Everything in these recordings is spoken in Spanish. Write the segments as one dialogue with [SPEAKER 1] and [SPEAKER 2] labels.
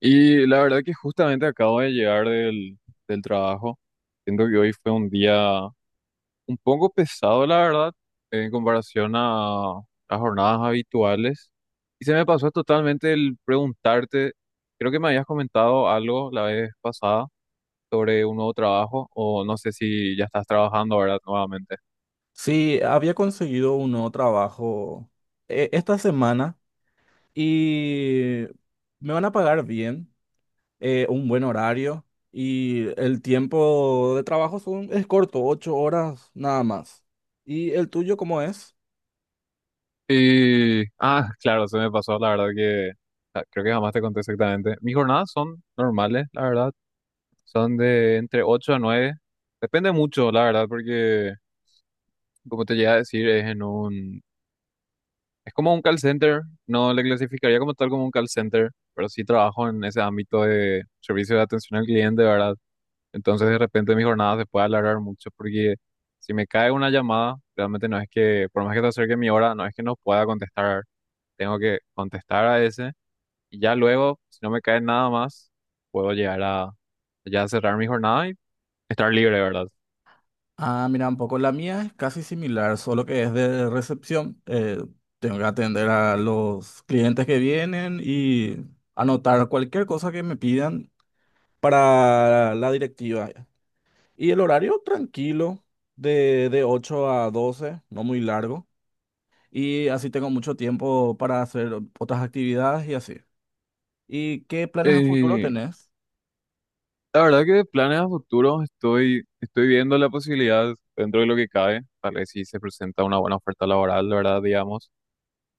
[SPEAKER 1] Y la verdad que justamente acabo de llegar del trabajo. Siento que hoy fue un día un poco pesado, la verdad, en comparación a las jornadas habituales. Y se me pasó totalmente el preguntarte, creo que me habías comentado algo la vez pasada sobre un nuevo trabajo, o no sé si ya estás trabajando ahora nuevamente.
[SPEAKER 2] Sí, había conseguido un nuevo trabajo esta semana y me van a pagar bien, un buen horario y el tiempo de trabajo es corto, 8 horas nada más. ¿Y el tuyo cómo es?
[SPEAKER 1] Y, claro, se me pasó, la verdad que creo que jamás te conté exactamente. Mis jornadas son normales, la verdad. Son de entre 8 a 9. Depende mucho, la verdad, porque como te llegué a decir, es en un... Es como un call center. No le clasificaría como tal como un call center, pero sí trabajo en ese ámbito de servicio de atención al cliente, ¿verdad? Entonces de repente mi jornada se puede alargar mucho porque si me cae una llamada, realmente no es que, por más que te acerque mi hora, no es que no pueda contestar. Tengo que contestar a ese, y ya luego, si no me cae nada más, puedo llegar a ya cerrar mi jornada y estar libre, ¿verdad?
[SPEAKER 2] Ah, mira, un poco la mía es casi similar, solo que es de recepción. Tengo que atender a los clientes que vienen y anotar cualquier cosa que me pidan para la directiva. Y el horario tranquilo, de 8 a 12, no muy largo. Y así tengo mucho tiempo para hacer otras actividades y así. ¿Y qué planes a futuro
[SPEAKER 1] Eh,
[SPEAKER 2] tenés?
[SPEAKER 1] La verdad que de planes a futuro estoy viendo la posibilidad dentro de lo que cabe, tal vez si se presenta una buena oferta laboral, la verdad, digamos,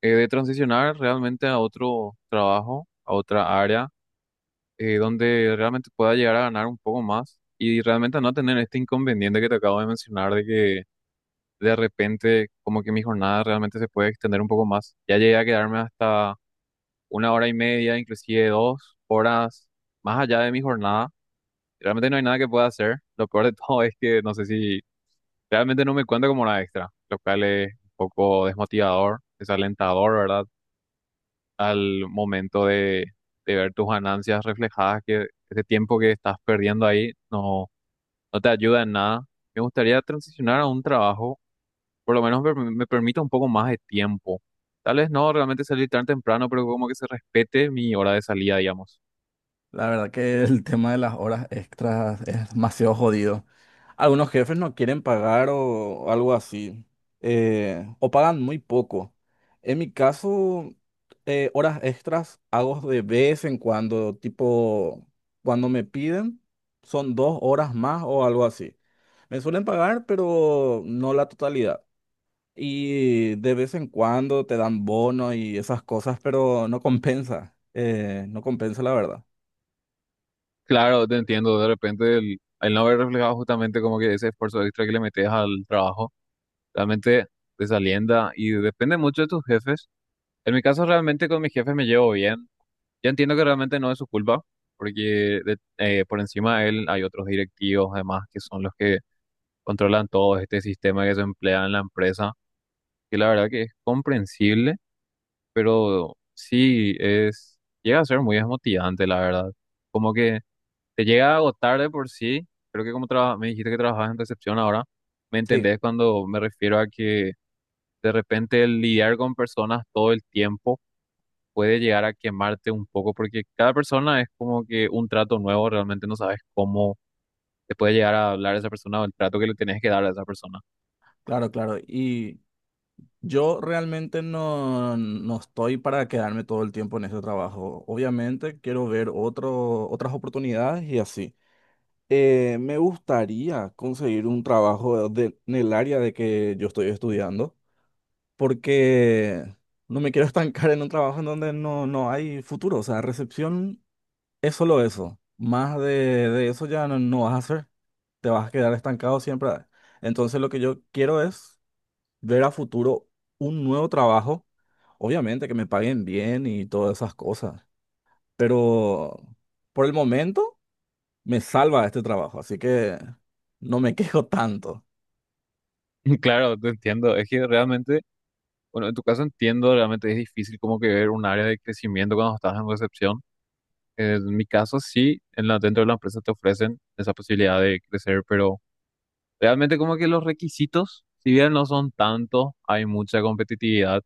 [SPEAKER 1] de transicionar realmente a otro trabajo, a otra área, donde realmente pueda llegar a ganar un poco más y realmente no tener este inconveniente que te acabo de mencionar de que de repente como que mi jornada realmente se puede extender un poco más. Ya llegué a quedarme hasta una hora y media, inclusive 2 horas más allá de mi jornada. Realmente no hay nada que pueda hacer. Lo peor de todo es que no sé si realmente no me cuenta como una extra, lo cual es un poco desmotivador, desalentador, ¿verdad? Al momento de ver tus ganancias reflejadas, que ese tiempo que estás perdiendo ahí no te ayuda en nada. Me gustaría transicionar a un trabajo, por lo menos me permita un poco más de tiempo. Tal vez no realmente salir tan temprano, pero como que se respete mi hora de salida, digamos.
[SPEAKER 2] La verdad que el tema de las horas extras es demasiado jodido. Algunos jefes no quieren pagar o algo así, o pagan muy poco. En mi caso, horas extras hago de vez en cuando, tipo, cuando me piden, son 2 horas más o algo así. Me suelen pagar, pero no la totalidad. Y de vez en cuando te dan bonos y esas cosas, pero no compensa, no compensa la verdad.
[SPEAKER 1] Claro, te entiendo, de repente el no haber reflejado justamente como que ese esfuerzo extra que le metes al trabajo, realmente desalienta y depende mucho de tus jefes. En mi caso realmente con mis jefes me llevo bien. Yo entiendo que realmente no es su culpa, porque por encima de él hay otros directivos además que son los que controlan todo este sistema que se emplea en la empresa, que la verdad que es comprensible, pero sí es, llega a ser muy desmotivante, la verdad. Como que te llega a agotar de por sí. Creo que me dijiste que trabajabas en recepción ahora, me
[SPEAKER 2] Sí.
[SPEAKER 1] entendés cuando me refiero a que de repente el lidiar con personas todo el tiempo puede llegar a quemarte un poco porque cada persona es como que un trato nuevo, realmente no sabes cómo te puede llegar a hablar esa persona o el trato que le tenés que dar a esa persona.
[SPEAKER 2] Claro, claro. Y yo realmente no estoy para quedarme todo el tiempo en ese trabajo. Obviamente quiero ver otras oportunidades y así. Me gustaría conseguir un trabajo en el área de que yo estoy estudiando, porque no me quiero estancar en un trabajo en donde no hay futuro. O sea, recepción es solo eso. Más de eso ya no vas a hacer. Te vas a quedar estancado siempre. Entonces lo que yo quiero es ver a futuro un nuevo trabajo, obviamente que me paguen bien y todas esas cosas, pero por el momento me salva este trabajo, así que no me quejo tanto.
[SPEAKER 1] Claro, te entiendo. Es que realmente, bueno, en tu caso entiendo, realmente es difícil como que ver un área de crecimiento cuando estás en recepción. En mi caso, sí, en dentro de la empresa te ofrecen esa posibilidad de crecer, pero realmente como que los requisitos, si bien no son tantos, hay mucha competitividad.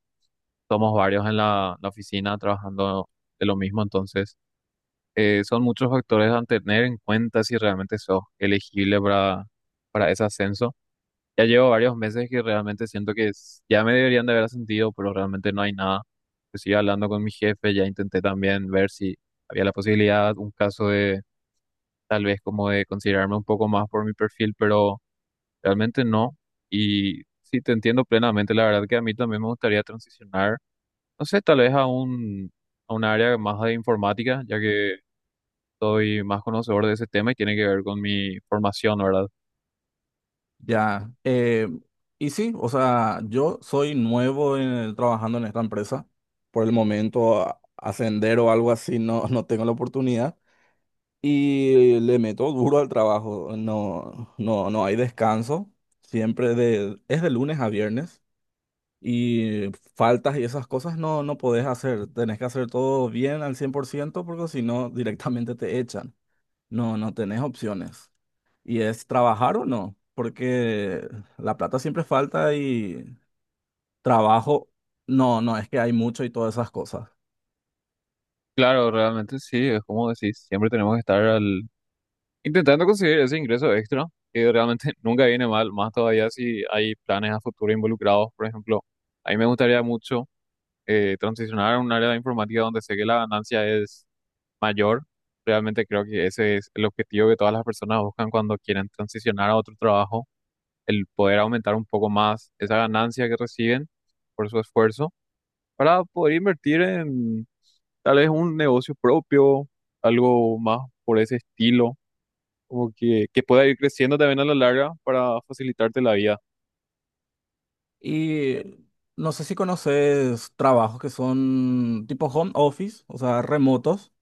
[SPEAKER 1] Somos varios en la oficina trabajando de lo mismo, entonces son muchos factores a tener en cuenta si realmente sos elegible para ese ascenso. Ya llevo varios meses que realmente siento que ya me deberían de haber ascendido, pero realmente no hay nada. Pues sigo hablando con mi jefe, ya intenté también ver si había la posibilidad, un caso de tal vez como de considerarme un poco más por mi perfil, pero... realmente no. Y sí, te entiendo plenamente. La verdad que a mí también me gustaría transicionar, no sé, tal vez a a un área más de informática, ya que soy más conocedor de ese tema y tiene que ver con mi formación, ¿verdad?
[SPEAKER 2] Ya, y sí, o sea, yo soy trabajando en esta empresa, por el momento ascender o algo así no tengo la oportunidad. Y le meto duro al trabajo, no hay descanso, siempre es de lunes a viernes. Y faltas y esas cosas no podés hacer. Tenés que hacer todo bien al 100% porque si no, directamente te echan. No tenés opciones. Y es trabajar o no, porque la plata siempre falta y trabajo, no es que hay mucho y todas esas cosas.
[SPEAKER 1] Claro, realmente sí, es como decís, siempre tenemos que estar al, intentando conseguir ese ingreso extra, que realmente nunca viene mal, más todavía si hay planes a futuro involucrados. Por ejemplo, a mí me gustaría mucho transicionar a un área de informática donde sé que la ganancia es mayor. Realmente creo que ese es el objetivo que todas las personas buscan cuando quieren transicionar a otro trabajo, el poder aumentar un poco más esa ganancia que reciben por su esfuerzo para poder invertir en tal vez un negocio propio, algo más por ese estilo, como que pueda ir creciendo también a la larga para facilitarte la vida.
[SPEAKER 2] Y no sé si conoces trabajos que son tipo home office, o sea, remotos.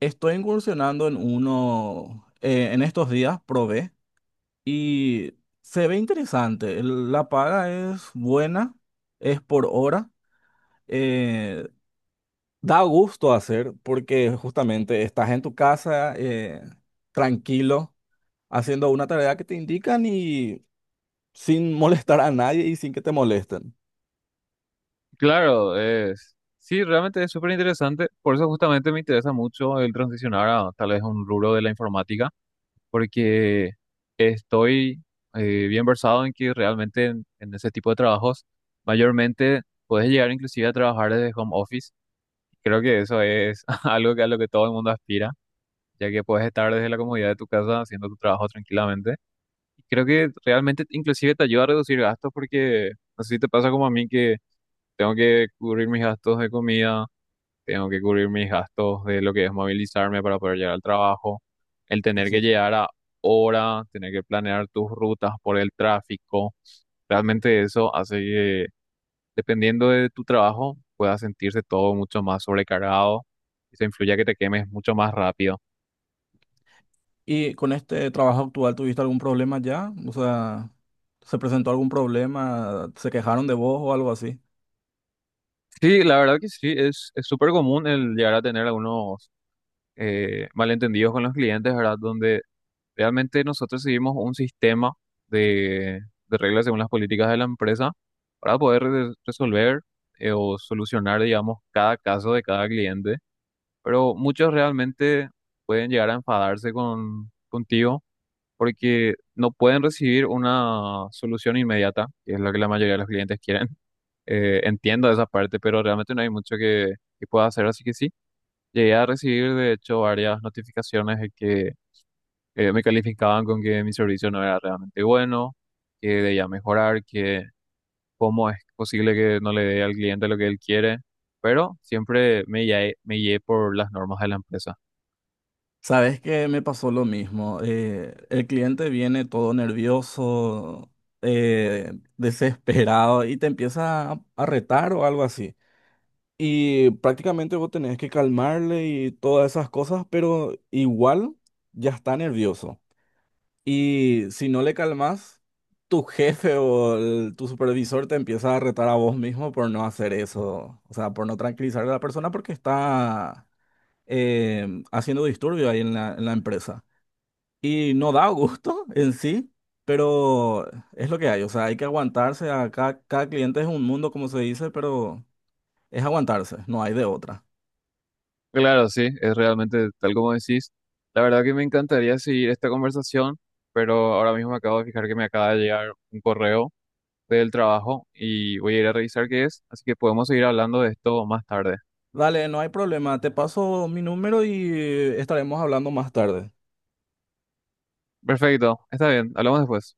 [SPEAKER 2] Estoy incursionando en uno en estos días, probé. Y se ve interesante. La paga es buena, es por hora. eh, Da gusto hacer porque justamente estás en tu casa, tranquilo, haciendo una tarea que te indican y sin molestar a nadie y sin que te molesten.
[SPEAKER 1] Claro, es, sí, realmente es súper interesante. Por eso justamente me interesa mucho el transicionar a tal vez un rubro de la informática porque estoy bien versado en que realmente en ese tipo de trabajos mayormente puedes llegar inclusive a trabajar desde home office. Creo que eso es algo que a lo que todo el mundo aspira, ya que puedes estar desde la comodidad de tu casa haciendo tu trabajo tranquilamente. Y creo que realmente inclusive te ayuda a reducir gastos porque no sé si te pasa como a mí que tengo que cubrir mis gastos de comida, tengo que cubrir mis gastos de lo que es movilizarme para poder llegar al trabajo, el
[SPEAKER 2] Sí,
[SPEAKER 1] tener que
[SPEAKER 2] sí.
[SPEAKER 1] llegar a hora, tener que planear tus rutas por el tráfico. Realmente eso hace que, dependiendo de tu trabajo, puedas sentirse todo mucho más sobrecargado y se influye a que te quemes mucho más rápido.
[SPEAKER 2] ¿Y con este trabajo actual tuviste algún problema ya? O sea, ¿se presentó algún problema? ¿Se quejaron de vos o algo así?
[SPEAKER 1] Sí, la verdad que sí, es súper común el llegar a tener algunos malentendidos con los clientes, ¿verdad? Donde realmente nosotros seguimos un sistema de, de reglas según las políticas de la empresa para poder resolver o solucionar, digamos, cada caso de cada cliente. Pero muchos realmente pueden llegar a enfadarse contigo porque no pueden recibir una solución inmediata, que es lo que la mayoría de los clientes quieren. Entiendo esa parte, pero realmente no hay mucho que pueda hacer, así que sí. Llegué a recibir, de hecho, varias notificaciones de que me calificaban con que mi servicio no era realmente bueno, que debía mejorar, que cómo es posible que no le dé al cliente lo que él quiere, pero siempre me guié por las normas de la empresa.
[SPEAKER 2] Sabes que me pasó lo mismo. El cliente viene todo nervioso, eh, desesperado y te empieza a retar o algo así. Y prácticamente vos tenés que calmarle y todas esas cosas, pero igual ya está nervioso. Y si no le calmas, tu jefe o tu supervisor te empieza a retar a vos mismo por no hacer eso. O sea, por no tranquilizar a la persona porque está haciendo disturbio ahí en la empresa. Y no da gusto en sí, pero es lo que hay. O sea, hay que aguantarse. Cada cliente es un mundo, como se dice, pero es aguantarse, no hay de otra.
[SPEAKER 1] Claro, sí, es realmente tal como decís. La verdad que me encantaría seguir esta conversación, pero ahora mismo me acabo de fijar que me acaba de llegar un correo del trabajo y voy a ir a revisar qué es, así que podemos seguir hablando de esto más tarde.
[SPEAKER 2] Dale, no hay problema. Te paso mi número y estaremos hablando más tarde.
[SPEAKER 1] Perfecto, está bien, hablamos después.